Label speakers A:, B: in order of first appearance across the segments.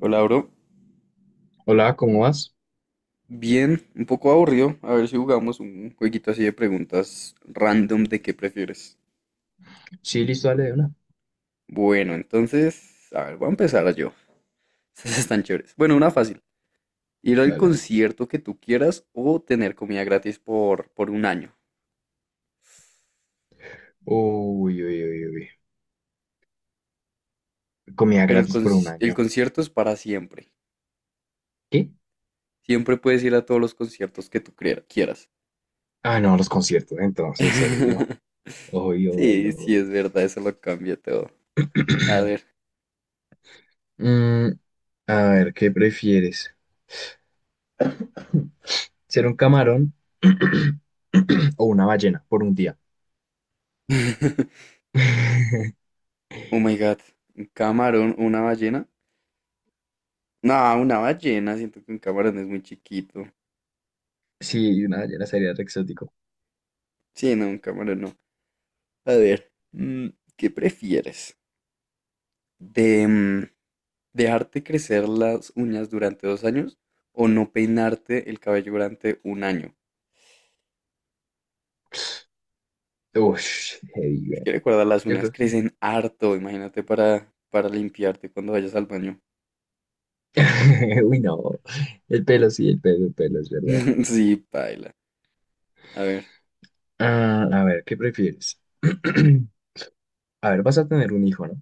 A: Hola, bro.
B: Hola, ¿cómo vas?
A: Bien, un poco aburrido. A ver si jugamos un jueguito así de preguntas random de qué prefieres.
B: Sí, listo, dale de una.
A: Bueno, entonces, a ver, voy a empezar yo. Estas están chéveres. Bueno, una fácil. Ir al
B: Dale, dale.
A: concierto que tú quieras o tener comida gratis por un año.
B: Uy, uy, uy, uy. Comida
A: Pero el,
B: gratis por un
A: conci- el
B: año.
A: concierto es para siempre.
B: ¿Qué?
A: Siempre puedes ir a todos los conciertos que tú quieras.
B: Ah, no, los conciertos, entonces, obvio. Obvio,
A: Sí,
B: obvio,
A: sí, es
B: obvio.
A: verdad, eso lo cambia todo. A ver.
B: Mm, a ver, ¿qué prefieres? ¿Ser un camarón o una ballena por un día?
A: Oh my God. Un camarón, una ballena. No, una ballena, siento que un camarón es muy chiquito.
B: Sí, una ballena sería re exótico.
A: Sí, no, un camarón no. A ver, mm, ¿qué prefieres? ¿De mm, dejarte crecer las uñas durante 2 años o no peinarte el cabello durante un año?
B: Ush, heavy,
A: Es
B: güey.
A: que recuerda, las
B: Yo
A: uñas
B: creo que.
A: crecen harto, imagínate para limpiarte cuando vayas al baño.
B: Uy, no. El pelo, sí, el pelo, es verdad.
A: Sí, paila. A ver.
B: Ah, a ver, ¿qué prefieres? A ver, vas a tener un hijo, ¿no?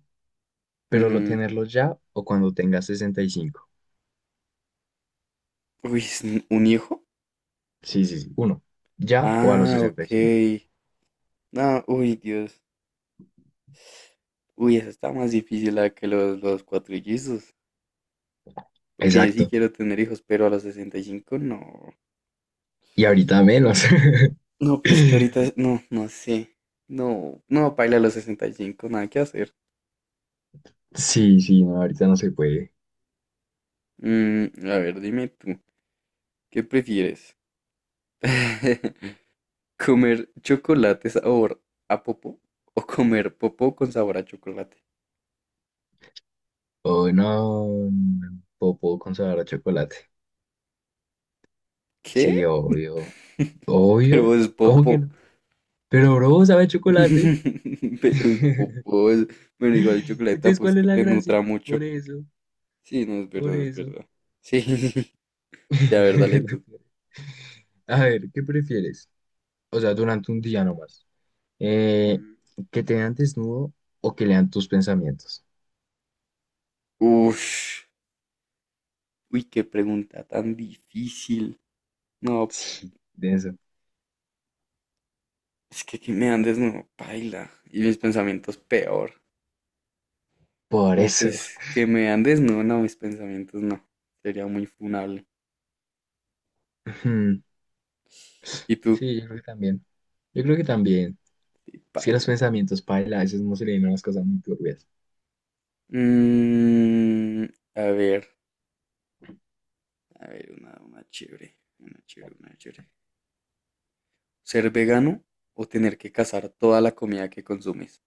B: Pero
A: Ujú.
B: tenerlo ya o cuando tengas 65.
A: Uy, ¿es un hijo?
B: Sí, sí, sí. Uno, ya o a los
A: Ah,
B: sesenta
A: ok.
B: y cinco
A: No, uy, Dios. Uy, esa está más difícil la que los cuatrillizos. Porque yo sí
B: Exacto.
A: quiero tener hijos, pero a los 65 no.
B: Y ahorita menos.
A: No, pero es que ahorita no, no sé. No, no, paila, a los 65 nada que hacer.
B: Sí, sí, no, ahorita no se puede.
A: Mm, a ver, dime tú, ¿qué prefieres? ¿Comer chocolate sabor a popó o comer popó con sabor a chocolate?
B: O no, no, o puedo con sabor a chocolate. Sí,
A: ¿Qué?
B: obvio. Obvio.
A: Pero es
B: ¿Cómo que
A: popo.
B: no? Pero, bro, sabe a chocolate.
A: Pero es popó, es- Bueno, igual el chocolate
B: Entonces,
A: tampoco es
B: ¿cuál es
A: que
B: la
A: te
B: gracia?
A: nutra mucho.
B: Por eso,
A: Sí, no, es
B: por
A: verdad, es
B: eso.
A: verdad. Sí, sí. Sí, a ver, dale tú.
B: A ver, ¿qué prefieres? O sea, durante un día nomás. Eh,
A: Ujú.
B: ¿que te vean desnudo o que lean tus pensamientos?
A: Ush. Uy, qué pregunta tan difícil. No,
B: Sí, denso.
A: es que me andes no, paila. Y mis pensamientos peor.
B: Por
A: No,
B: eso.
A: pues que me andes no, no, mis pensamientos no. Sería muy funable.
B: Ujú.
A: ¿Y tú?
B: Sí, yo creo que también. Yo creo que también.
A: Sí,
B: Es que los
A: paila.
B: pensamientos, paila, a veces no se le vienen las cosas muy turbias.
A: Mm, a ver, a ver, una chévere, una chévere, una chévere. ¿Ser vegano o tener que cazar toda la comida que consumes?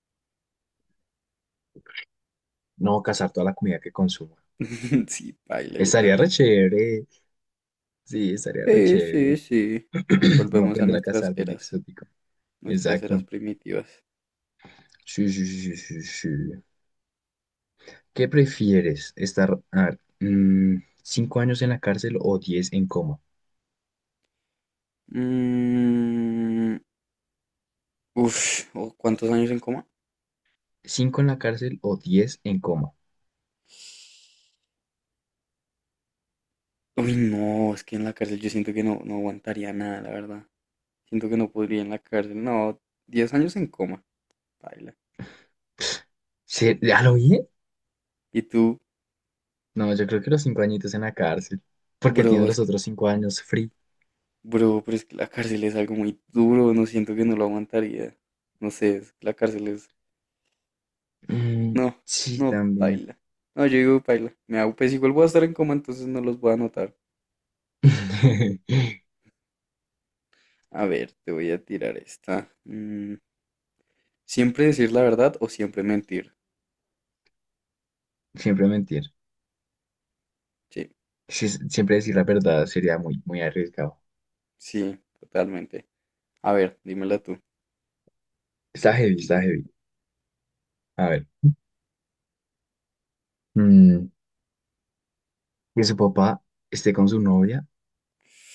B: No cazar toda la comida que consuma.
A: Sí, paila, yo
B: Estaría re
A: también.
B: chévere. Sí, estaría re
A: Sí, sí,
B: chévere.
A: sí.
B: Uno
A: Volvemos a
B: aprender a cazar bien exótico.
A: nuestras eras
B: Exacto.
A: primitivas.
B: Sí, sí, sí, sí, sí. ¿Qué prefieres? ¿Estar a ver, mm, 5 años en la cárcel o 10 en coma?
A: Mm, uf, ¿o ¿cuántos años en coma?
B: ¿Cinco en la cárcel o 10 en coma?
A: Uy, no, es que en la cárcel yo siento que no, no aguantaría nada, la verdad. Siento que no podría en la cárcel. No, 10 años en coma, baila.
B: ¿Ya lo oí?
A: Y tú,
B: No, yo creo que los 5 añitos en la cárcel. Porque tiene
A: bro, es
B: los
A: que,
B: otros 5 años free.
A: bro, pero es que la cárcel es algo muy duro, no siento que no lo aguantaría. No sé, es que la cárcel es...
B: Mm,
A: No,
B: sí,
A: no,
B: también.
A: baila. No, yo digo, baila. Me hago, pues igual voy a estar en coma, entonces no los voy a anotar. A ver, te voy a tirar esta. Mm, ¿siempre decir la verdad o siempre mentir?
B: Siempre mentir.
A: Sí,
B: Sí, siempre decir la verdad sería muy, muy arriesgado.
A: sí, totalmente. A ver, dímela tú.
B: Está heavy, está heavy. A ver. mm, que su papá esté con su novia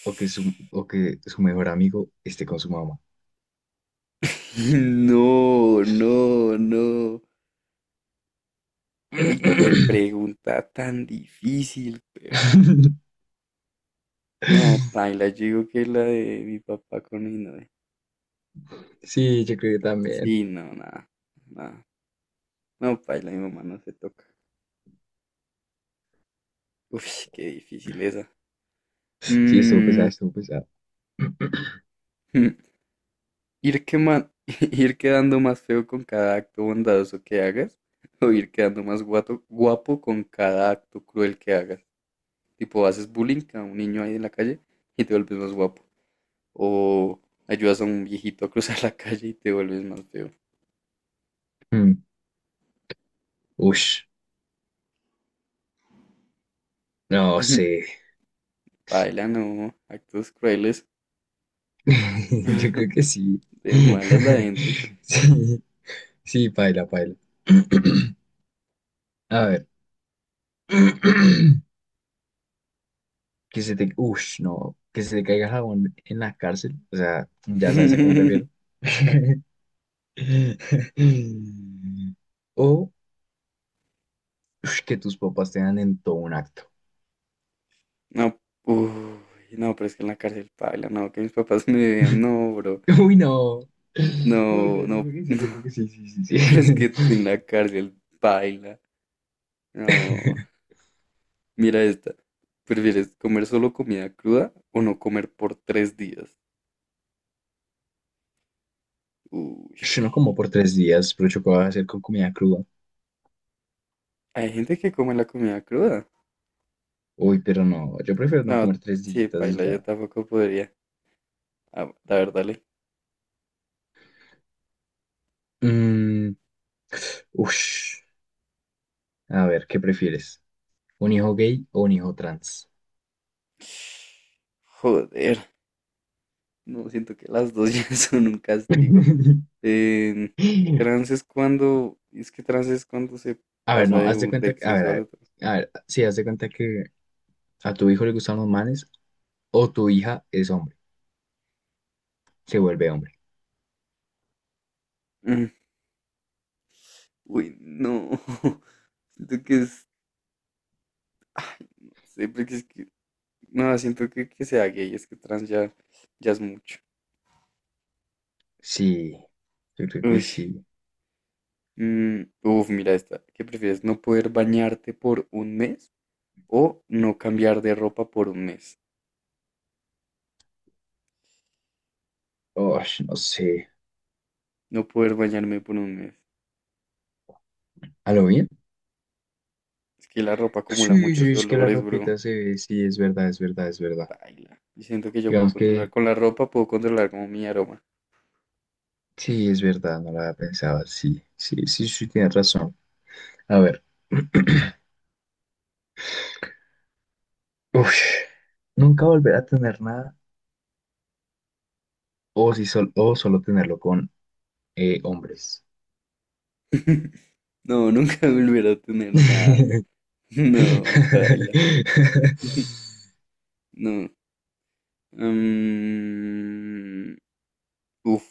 B: o que su, o que su mejor amigo esté con su mamá.
A: No, no, no. Uy, qué pregunta tan difícil, perro. No, paila, yo digo que la de mi papá con mi novia.
B: Sí, yo creo que también.
A: Sí, no, nada, nada. No, paila, mi mamá no se toca. Uy, qué difícil esa.
B: Sí, estuvo
A: Mm.
B: pesado, estuvo pesado.
A: Ir quema- Ir quedando más feo con cada acto bondadoso que hagas, o ir quedando más guapo con cada acto cruel que hagas. Tipo, haces bullying a un niño ahí en la calle y te vuelves más guapo. O ayudas a un viejito a cruzar la calle y te vuelves más feo.
B: Mm. Ush, no sé.
A: Baila, no, actos crueles,
B: Yo creo que sí.
A: de malas la gente.
B: Sí, sí, paila, paila. A ver. Que se te... Ush, no. Que se te caiga jabón en la cárcel. O sea, ya sabes a qué me refiero. O ush, que tus papás te dan en todo un acto.
A: No, uy, no, pero es que en la cárcel, baila, no, que mis papás me vean, no, bro,
B: Uy, no. No, me
A: no,
B: creo yo
A: no,
B: creo que sí, yo creo que sí, sí, sí,
A: pero es
B: sí.
A: que en la cárcel, baila. No, mira esta. ¿Prefieres comer solo comida cruda o no comer por 3 días? Uy,
B: Yo no como por 3 días, pero yo puedo hacer con comida cruda.
A: hay gente que come la comida cruda.
B: Uy, pero no, yo prefiero no
A: No,
B: comer tres
A: sí,
B: días y
A: paila, yo
B: ya.
A: tampoco podría. Ah, la verdad, le.
B: Mm, ush. A ver, ¿qué prefieres? ¿Un hijo gay o un hijo trans?
A: Joder, no siento que las dos ya son un castigo. Eh, trans es cuando, es que trans es cuando se
B: A ver,
A: pasa
B: no, haz de cuenta
A: de
B: que, a ver,
A: sexo
B: a
A: al
B: ver,
A: otro.
B: a ver, sí, haz de cuenta que a tu hijo le gustan los manes o tu hija es hombre, se vuelve hombre.
A: Mm. Uy, no. Siento que es, ah, no sé, porque es que... No, siento que sea gay, es que trans ya, ya es mucho.
B: Sí, yo creo que
A: Uy,
B: sí.
A: mm, uf, mira esta. ¿Qué prefieres? ¿No poder bañarte por un mes o no cambiar de ropa por un mes?
B: Ush, no sé.
A: No poder bañarme por un mes.
B: ¿A lo bien?
A: Es que la ropa acumula
B: Sí, sí,
A: muchos
B: es que la
A: olores, bro.
B: ropita se ve, sí, es verdad, es verdad, es verdad.
A: Baila. Y siento que yo puedo
B: Digamos
A: controlar.
B: que
A: Con la ropa puedo controlar como mi aroma.
B: sí, es verdad, no la había pensado, sí, sí, sí, sí, tienes razón. A ver, uf, nunca volver a tener nada o, si sol- o solo tenerlo con hombres.
A: No, nunca volver a tener nada. No, baila. No. Mm, uf,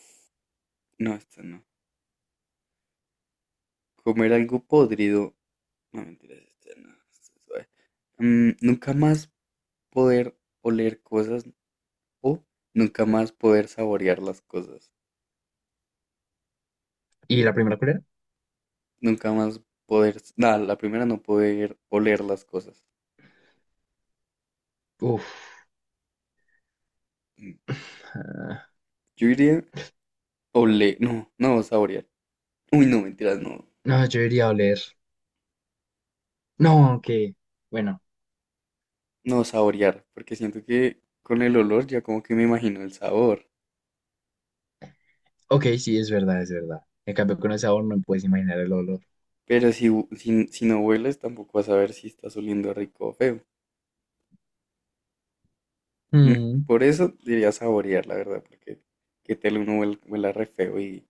A: no, esta no. Comer algo podrido. No, mentiras, este, no, este es suave. Mm, nunca más poder oler cosas o nunca más poder saborear las cosas.
B: ¿Y la primera cuál era?
A: Nunca más poder, nada, la primera no poder oler las cosas.
B: Uf,
A: Mm.
B: ah,
A: Yo diría oler, no, no saborear. Uy, no, mentiras, no,
B: no, yo iría a oler. No, aunque, bueno,
A: no saborear, porque siento que con el olor ya como que me imagino el sabor.
B: ok, sí, es verdad, es verdad. En cambio, con el sabor no me puedes imaginar el olor.
A: Pero si, si no hueles, tampoco vas a ver si estás oliendo rico o feo. Mm. Por eso diría saborear, la verdad, porque que tal uno huela re feo y...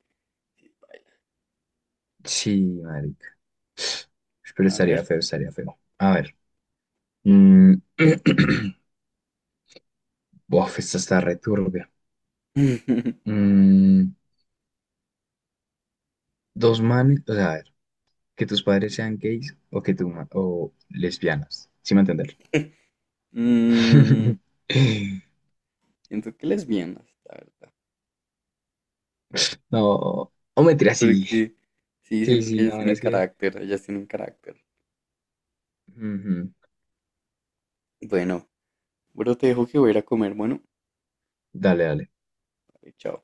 B: Sí, marica. Pero
A: A ver.
B: estaría feo, estaría feo. A ver. Mm. Bof, esta está re turbia. Mm, Dos manes, o sea, a ver, que tus padres sean gays o que tú, ma- o lesbianas. ¿Sí me entender?
A: Mm, siento que lesbianas, la verdad.
B: No, o mentira, sí.
A: Porque sí,
B: Sí,
A: siento que
B: sí,
A: ellas
B: no,
A: tienen
B: es que...
A: carácter, ellas tienen carácter.
B: Ujú.
A: Bueno, bueno, te dejo que voy a ir a comer. Bueno,
B: Dale, dale.
A: chao.